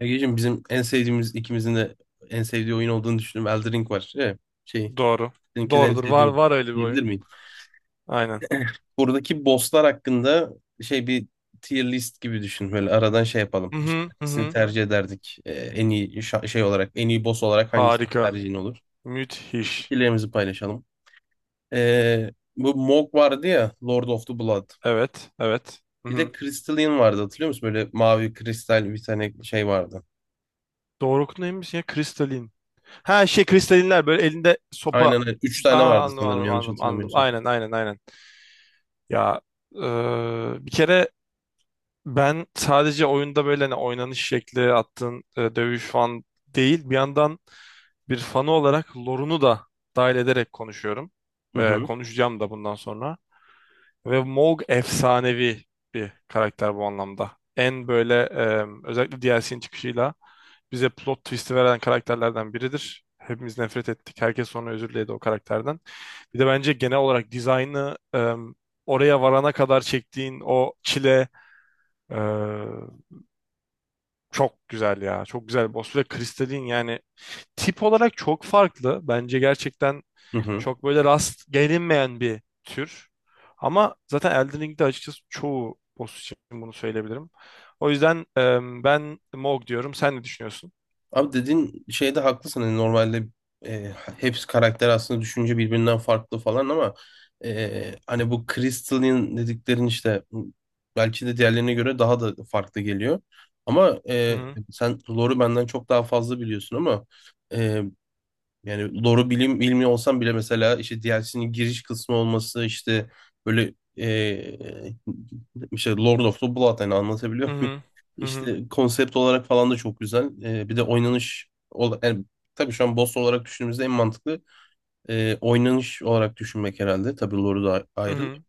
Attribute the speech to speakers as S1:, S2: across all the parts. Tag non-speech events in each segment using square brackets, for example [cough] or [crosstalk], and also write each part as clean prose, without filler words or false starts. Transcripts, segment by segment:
S1: Egeciğim bizim en sevdiğimiz ikimizin de en sevdiği oyun olduğunu düşündüğüm Elden Ring var. Şey,
S2: Doğru.
S1: seninkini de en
S2: Doğrudur. Var
S1: sevdiğim
S2: var öyle bir
S1: diyebilir
S2: oyun.
S1: miyim?
S2: Aynen.
S1: Buradaki bosslar hakkında şey bir tier list gibi düşün. Böyle aradan şey yapalım.
S2: Hı
S1: İşte
S2: hı hı
S1: hangisini
S2: hı.
S1: tercih ederdik? En iyi en iyi boss olarak hangisinin
S2: Harika.
S1: tercihin olur?
S2: Müthiş.
S1: Fikirlerimizi paylaşalım. Ee, bu Mog vardı ya, Lord of the Blood.
S2: Evet, evet. Hı
S1: Bir
S2: hı.
S1: de Crystalline vardı hatırlıyor musun? Böyle mavi kristal bir tane şey vardı.
S2: Doğru neymiş ya? Kristalin. Ha şey kristalinler böyle elinde sopa.
S1: Aynen öyle. Üç tane
S2: Aa,
S1: vardı
S2: anladım
S1: sanırım
S2: anladım
S1: yanlış
S2: anladım anladım.
S1: hatırlamıyorsam.
S2: Aynen. Ya bir kere ben sadece oyunda böyle hani oynanış şekli attığın dövüş falan değil. Bir yandan bir fanı olarak lorunu da dahil ederek konuşuyorum.
S1: Hı hı.
S2: Konuşacağım da bundan sonra. Ve Maug efsanevi bir karakter bu anlamda. En böyle özellikle DLC'nin çıkışıyla bize plot twist'i veren karakterlerden biridir. Hepimiz nefret ettik. Herkes sonra özür diledi o karakterden. Bir de bence genel olarak dizaynı oraya varana kadar çektiğin o çile e, çok güzel ya. Çok güzel. Boss ve Kristalin yani tip olarak çok farklı. Bence gerçekten
S1: Hı hı.
S2: çok böyle rast gelinmeyen bir tür. Ama zaten Elden Ring'de açıkçası çoğu boss için bunu söyleyebilirim. O yüzden ben Mog diyorum. Sen ne düşünüyorsun?
S1: Abi dediğin şeyde haklısın. Hani normalde e, hepsi karakter aslında düşünce birbirinden farklı falan ama hani bu Crystal'in dediklerin işte belki de diğerlerine göre daha da farklı geliyor. Ama
S2: Hı hı.
S1: sen lore'u benden çok daha fazla biliyorsun ama e, yani doğru bilim bilmiyor olsam bile mesela işte DLC'nin giriş kısmı olması işte böyle işte Lord of the Blood hani anlatabiliyor
S2: Hı
S1: muyum? [laughs]
S2: hı. Hı hı.
S1: İşte konsept olarak falan da çok güzel. Bir de oynanış yani tabii şu an boss olarak düşündüğümüzde en mantıklı oynanış olarak düşünmek herhalde. Tabii Lord'u da
S2: Hı
S1: ayrı.
S2: hı.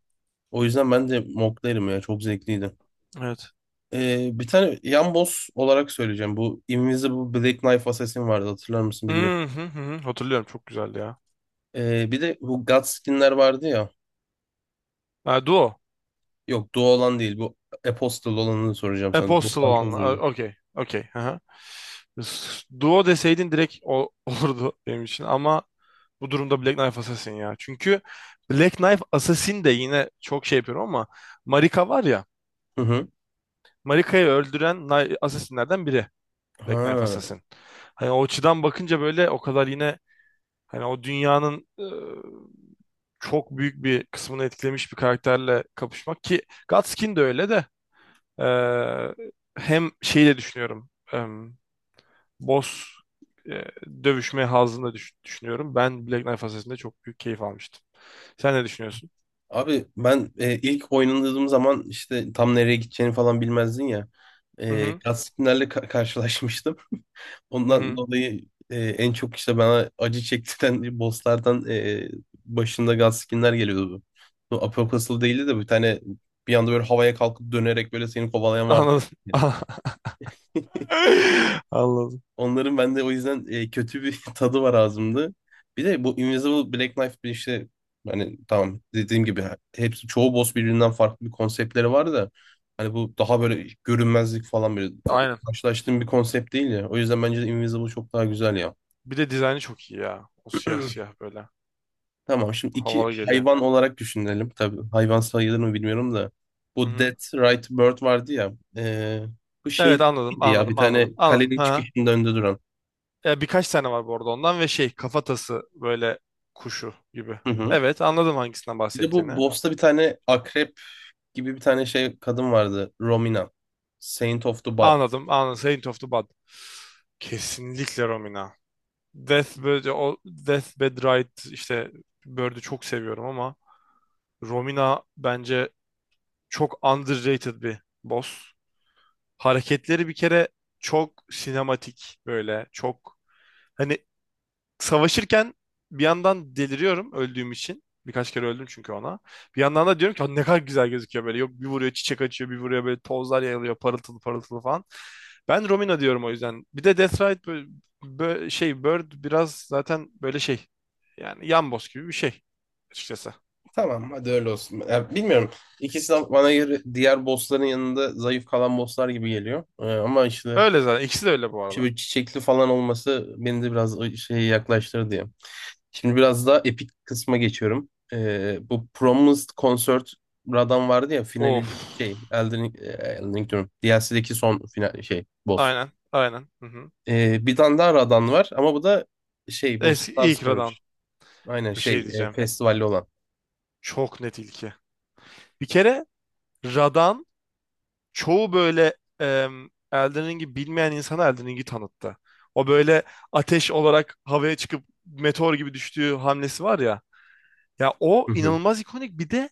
S1: O yüzden ben de moklarım ya çok zevkliydi.
S2: Evet.
S1: Bir tane yan boss olarak söyleyeceğim. Bu Invisible Black Knife Assassin vardı hatırlar mısın bilmiyorum.
S2: Hı hı hı. Hı. Hatırlıyorum. Çok güzeldi ya.
S1: Bir de bu God skinler vardı ya.
S2: Ha, Duo.
S1: Yok, Doğu olan değil. Bu Apostle olanını soracağım sana. Doğu
S2: Apostle
S1: olan çok
S2: olanla. Ha,
S1: zordu.
S2: Okey. Okey. Hı hı. Duo deseydin direkt o, [laughs] olurdu benim için ama bu durumda Black Knife Assassin ya. Çünkü Black Knife Assassin de yine çok şey yapıyorum ama Marika var ya
S1: Hı hı.
S2: Marika'yı öldüren Assassin'lerden biri. Black Knife
S1: Ha.
S2: Assassin. Hani o açıdan bakınca böyle o kadar yine hani o dünyanın çok büyük bir kısmını etkilemiş bir karakterle kapışmak ki Gutskin de öyle de e, hem şeyi de düşünüyorum boss e, dövüşme hazını da düşünüyorum. Ben Black Knife Assassin'de çok büyük keyif almıştım. Sen ne düşünüyorsun?
S1: Abi ben ilk oynadığım zaman işte tam nereye gideceğini falan bilmezdin ya.
S2: Hı
S1: E,
S2: hı.
S1: Gaspinler'le karşılaşmıştım.
S2: Hı
S1: Ondan
S2: hı.
S1: dolayı en çok işte bana acı çektiren [laughs] bosslardan başında Gaskinler geliyordu. Bu Apostle değildi de bir tane bir anda böyle havaya kalkıp dönerek böyle seni kovalayan vardı.
S2: Anladım. [laughs]
S1: [laughs]
S2: Anladım.
S1: Onların bende o yüzden kötü bir [laughs] tadı var ağzımda. Bir de bu Invisible Black Knife bir işte, hani tamam dediğim gibi hepsi çoğu boss birbirinden farklı bir konseptleri var da hani bu daha böyle görünmezlik falan böyle
S2: Aynen.
S1: karşılaştığım bir konsept değil ya. O yüzden bence de Invisible çok daha güzel ya.
S2: Bir de dizaynı çok iyi ya. O siyah siyah böyle.
S1: Tamam, şimdi iki
S2: Havalı geliyor.
S1: hayvan olarak düşünelim. Tabii hayvan sayılır mı bilmiyorum da. Bu Dead
S2: Hı-hı.
S1: Right Bird vardı ya. Bu
S2: Evet,
S1: şey
S2: anladım
S1: ya, bir
S2: anladım
S1: tane
S2: anladım anladım.
S1: kalenin
S2: Ha.
S1: çıkışının önünde duran.
S2: E, birkaç tane var bu arada ondan ve şey kafatası böyle kuşu gibi.
S1: Hı hı.
S2: Evet, anladım hangisinden
S1: Bir de bu
S2: bahsettiğini.
S1: boss'ta bir tane akrep gibi bir tane şey kadın vardı. Romina. Saint of the Bud.
S2: Anladım. Saint of the Bud. Kesinlikle Romina. Deathbed, o Deathbed Ride işte Bird'ü çok seviyorum ama Romina bence çok underrated bir boss. Hareketleri bir kere çok sinematik böyle çok. Hani savaşırken bir yandan deliriyorum öldüğüm için. Birkaç kere öldüm çünkü ona. Bir yandan da diyorum ki "Lan ne kadar güzel gözüküyor böyle. Yok bir vuruyor çiçek açıyor, bir vuruyor böyle tozlar yayılıyor parıltılı parıltılı falan." Ben Romina diyorum o yüzden. Bir de Death Ride şey Bird biraz zaten böyle şey. Yani yan yamboz gibi bir şey açıkçası.
S1: Tamam hadi öyle olsun. Ya, bilmiyorum. İkisi de bana göre diğer bossların yanında zayıf kalan bosslar gibi geliyor. Ama işte,
S2: Öyle zaten. İkisi de öyle bu
S1: işte
S2: arada.
S1: böyle çiçekli falan olması beni de biraz o şeye yaklaştırdı diye. Şimdi biraz daha epik kısma geçiyorum. Bu Promised Concert Radan vardı ya,
S2: Of.
S1: finalin Elden Ring diyorum. DLC'deki son final şey boss.
S2: Aynen. Aynen. Hı hı.
S1: Bir tane daha Radan var ama bu da şey, bu
S2: Eski
S1: Star,
S2: ilk Radan
S1: aynen
S2: bir şey
S1: şey
S2: diyeceğim.
S1: festivalli olan.
S2: Çok net ilki. Bir kere Radan çoğu böyle Elden Ring'i bilmeyen insana Elden Ring'i tanıttı. O böyle ateş olarak havaya çıkıp meteor gibi düştüğü hamlesi var ya. Ya o
S1: Hı hı.
S2: inanılmaz ikonik. Bir de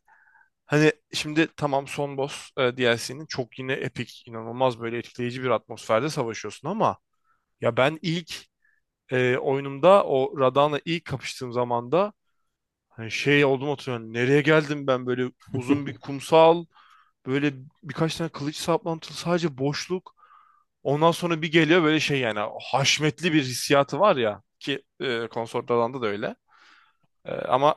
S2: hani şimdi tamam son boss DLC'nin çok yine epik, inanılmaz böyle etkileyici bir atmosferde savaşıyorsun ama ya ben ilk oyunumda o Radahn'la ilk kapıştığım zamanda hani şey oldum oturuyorum. Nereye geldim ben böyle uzun bir
S1: [laughs]
S2: kumsal, böyle birkaç tane kılıç saplantılı sadece boşluk. Ondan sonra bir geliyor böyle şey yani haşmetli bir hissiyatı var ya ki Consort Alan'da da öyle. E, ama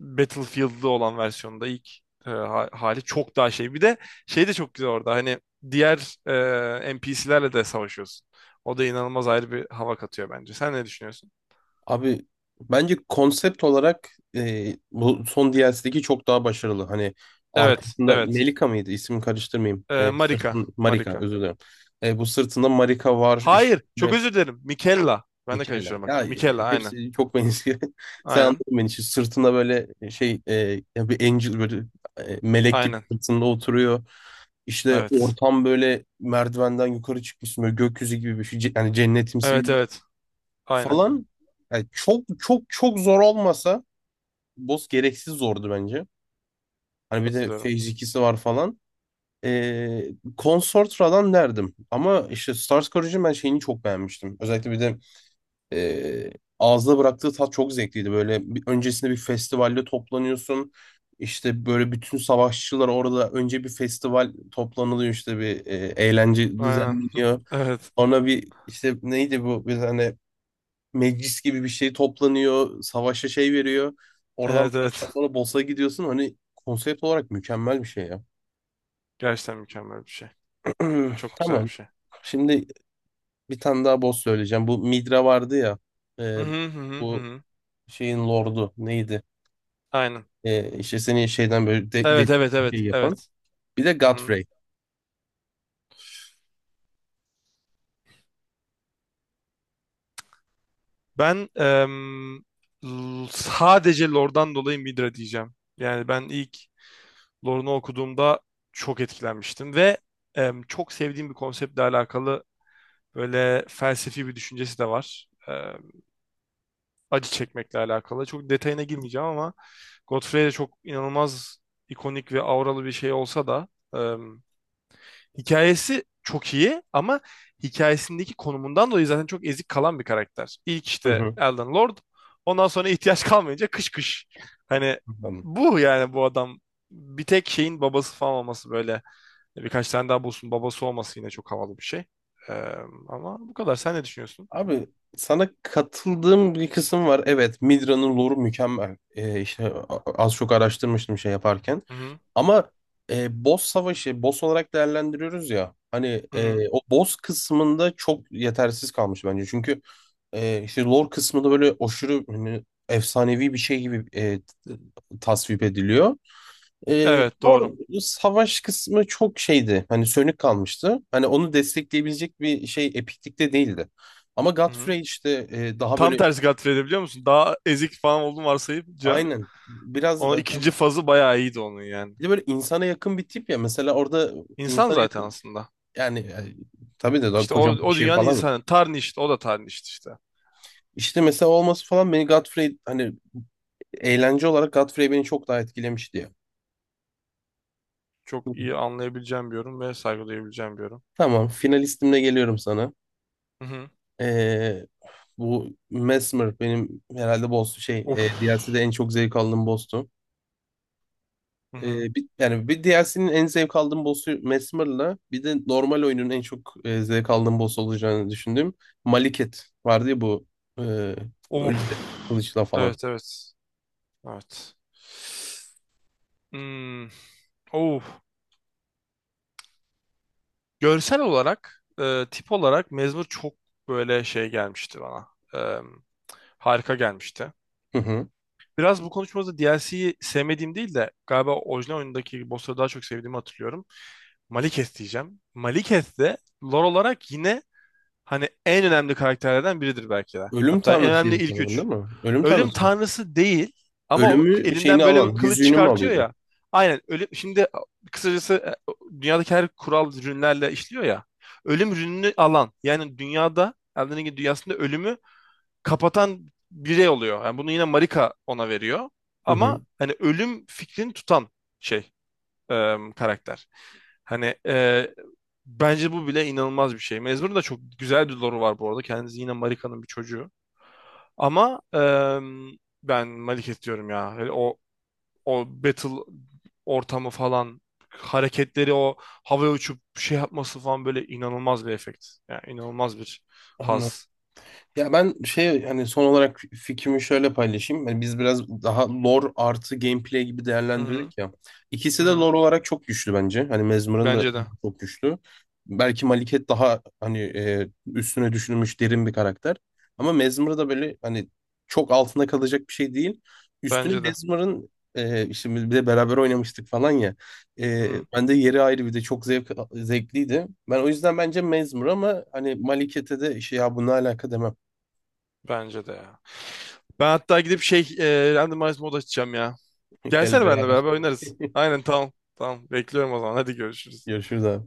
S2: Battlefield'lı olan versiyonda ilk hali çok daha şey. Bir de şey de çok güzel orada hani diğer NPC'lerle de savaşıyorsun. O da inanılmaz ayrı bir hava katıyor bence. Sen ne düşünüyorsun?
S1: Abi bence konsept olarak bu son DLC'deki çok daha başarılı. Hani
S2: Evet,
S1: arkasında
S2: evet.
S1: Melika mıydı? İsim karıştırmayayım.
S2: E,
S1: E,
S2: Marika,
S1: sırtın Marika,
S2: Marika.
S1: özür dilerim. Bu sırtında Marika var işte,
S2: Hayır, çok özür dilerim. Mikella. Ben de
S1: Mikella.
S2: karıştırıyorum
S1: Ya
S2: bak. Mikella, aynen.
S1: hepsi çok benziyor. [laughs] Sen
S2: Aynen,
S1: anladın beni. Şimdi sırtında böyle şey, ya bir angel, böyle melek gibi
S2: aynen.
S1: sırtında oturuyor. İşte
S2: Evet.
S1: ortam böyle merdivenden yukarı çıkmışsın, böyle gökyüzü gibi bir şey. Yani cennetimsi
S2: Evet, evet. Aynen.
S1: falan, yani çok çok çok zor olmasa boss gereksiz zordu bence. Hani bir de Phase
S2: Katılıyorum.
S1: 2'si var falan. Ee, Consortra'dan derdim. Ama işte Stars Corrosion ben şeyini çok beğenmiştim. Özellikle bir de ee, ağızda bıraktığı tat çok zevkliydi. Böyle bir, öncesinde bir festivalde toplanıyorsun. İşte böyle bütün savaşçılar orada önce bir festival toplanılıyor, işte bir eğlence
S2: Aynen. [laughs]
S1: düzenleniyor.
S2: Evet.
S1: Ona bir işte neydi bu, bir tane meclis gibi bir şey toplanıyor. Savaşa şey veriyor. Oradan
S2: Evet, evet.
S1: beraber sonra boss'a gidiyorsun. Hani konsept olarak mükemmel bir şey ya.
S2: Gerçekten mükemmel bir şey.
S1: [clears throat]
S2: Çok güzel bir
S1: Tamam.
S2: şey.
S1: Şimdi bir tane daha boss söyleyeceğim. Bu Midra vardı ya.
S2: Hı
S1: e,
S2: hı hı hı. Hı
S1: bu
S2: hı.
S1: şeyin lordu neydi?
S2: Aynen.
S1: E, işte seni şeyden böyle
S2: Evet, evet evet
S1: şey yapan.
S2: evet.
S1: Bir de
S2: Hı hı.
S1: Godfrey.
S2: Ben sadece Lor'dan dolayı Midra diyeceğim. Yani ben ilk Lor'unu okuduğumda çok etkilenmiştim ve çok sevdiğim bir konseptle alakalı böyle felsefi bir düşüncesi de var. Acı çekmekle alakalı. Çok detayına girmeyeceğim ama Godfrey de çok inanılmaz ikonik ve auralı bir şey olsa da hikayesi çok iyi ama hikayesindeki konumundan dolayı zaten çok ezik kalan bir karakter. İlk
S1: Hı
S2: işte
S1: hı.
S2: Elden Lord. Ondan sonra ihtiyaç kalmayınca kış kış. Hani
S1: Tamam.
S2: bu adam bir tek şeyin babası falan olması böyle birkaç tane daha bulsun babası olması yine çok havalı bir şey. Ee, Ama bu kadar. Sen ne düşünüyorsun?
S1: Abi sana katıldığım bir kısım var. Evet, Midra'nın lore'u mükemmel. İşte az çok araştırmıştım şey yaparken.
S2: Hı hı.
S1: Ama boss savaşı, boss olarak değerlendiriyoruz ya. Hani
S2: Hı hı.
S1: o boss kısmında çok yetersiz kalmış bence. Çünkü işte lore kısmında böyle aşırı, hani efsanevi bir şey gibi tasvip ediliyor. Ee,
S2: Evet,
S1: or-
S2: doğru.
S1: savaş kısmı çok şeydi. Hani sönük kalmıştı. Hani onu destekleyebilecek bir şey epiklikte değildi. Ama
S2: Hı hı.
S1: Godfrey işte daha
S2: Tam
S1: böyle,
S2: tersi Godfrey'de biliyor musun? Daha ezik falan olduğunu varsayınca
S1: aynen biraz
S2: o
S1: yani,
S2: ikinci
S1: tabii
S2: fazı bayağı iyiydi onun yani.
S1: bir de böyle insana yakın bir tip ya. Mesela orada
S2: İnsan
S1: insana
S2: zaten
S1: yakın,
S2: aslında.
S1: yani, tabii de daha
S2: İşte o,
S1: kocaman bir
S2: o
S1: şey
S2: dünyanın
S1: falan. Yok.
S2: insanı. Tarnished. O da tarnished işte.
S1: İşte mesela olması falan, beni Godfrey hani, eğlence olarak Godfrey beni çok daha etkilemişti ya.
S2: Çok iyi anlayabileceğim bir yorum ve saygı duyabileceğim bir yorum.
S1: Tamam, finalistimle geliyorum sana.
S2: Hı hı.
S1: Ee, bu Mesmer benim herhalde boss şey,
S2: Of.
S1: DLC'de en çok zevk aldığım boss'tu.
S2: Hı hı.
S1: Bir, yani bir DLC'nin en zevk aldığım boss'u Mesmer'la bir de normal oyunun en çok zevk aldığım boss olacağını düşündüğüm Maliket vardı ya, bu e,
S2: Of.
S1: ölümde kılıçla falan.
S2: Evet, evet. Evet. Hmm. Of. Görsel olarak, tip olarak Mezmur çok böyle şey gelmişti bana. E, Harika gelmişti.
S1: Hı hı.
S2: Biraz bu konuşmamızda DLC'yi sevmediğim değil de galiba orijinal oyundaki bossları daha çok sevdiğimi hatırlıyorum. Malekith diyeceğim. Malekith de lore olarak yine hani en önemli karakterlerden biridir belki de.
S1: Ölüm
S2: Hatta en önemli
S1: tanrısıydı
S2: ilk
S1: sanırım,
S2: üç.
S1: değil mi? Ölüm
S2: Ölüm
S1: tanrısı mı?
S2: tanrısı değil ama o
S1: Ölümü
S2: elinden
S1: şeyini
S2: böyle bir
S1: alan,
S2: kılıç
S1: yüzüğünü mü
S2: çıkartıyor
S1: alıyordu?
S2: ya. Aynen ölüm. Şimdi kısacası dünyadaki her kural rünlerle işliyor ya. Ölüm rününü alan yani dünyada Elden Ring dünyasında ölümü kapatan birey oluyor. Yani bunu yine Marika ona veriyor.
S1: Hı
S2: Ama
S1: hı.
S2: hani ölüm fikrini tutan şey karakter. Hani bence bu bile inanılmaz bir şey. Mezmur'un da çok güzel bir lore'u var bu arada. Kendisi yine Marika'nın bir çocuğu. Ama ben Maliket diyorum ya. Hani o battle ortamı falan hareketleri o havaya uçup şey yapması falan böyle inanılmaz bir efekt. Yani inanılmaz bir
S1: Anladım.
S2: haz.
S1: Ya ben şey, hani son olarak fikrimi şöyle paylaşayım. Hani biz biraz daha lore artı gameplay gibi
S2: Hı hı,
S1: değerlendirdik ya.
S2: hı
S1: İkisi de
S2: hı.
S1: lore olarak çok güçlü bence. Hani Mesmer'ın da
S2: Bence de.
S1: çok güçlü. Belki Maliket daha hani üstüne düşünülmüş derin bir karakter. Ama Mesmer da böyle hani çok altında kalacak bir şey değil. Üstüne
S2: Bence de.
S1: Mesmer'ın işte biz bir de beraber oynamıştık falan ya. E,
S2: Hı,
S1: ben de yeri ayrı, bir de çok zevkliydi. Ben o yüzden bence Mesmer, ama hani Maliket'e de şey ya bu ne alaka demem.
S2: bence de ya. Ben hatta gidip şey randomize mod açacağım ya.
S1: Gel
S2: Gelsene benimle
S1: beraber.
S2: beraber oynarız.
S1: [laughs]
S2: Aynen, tamam. Tamam, bekliyorum o zaman. Hadi görüşürüz.
S1: Görüşürüz abi.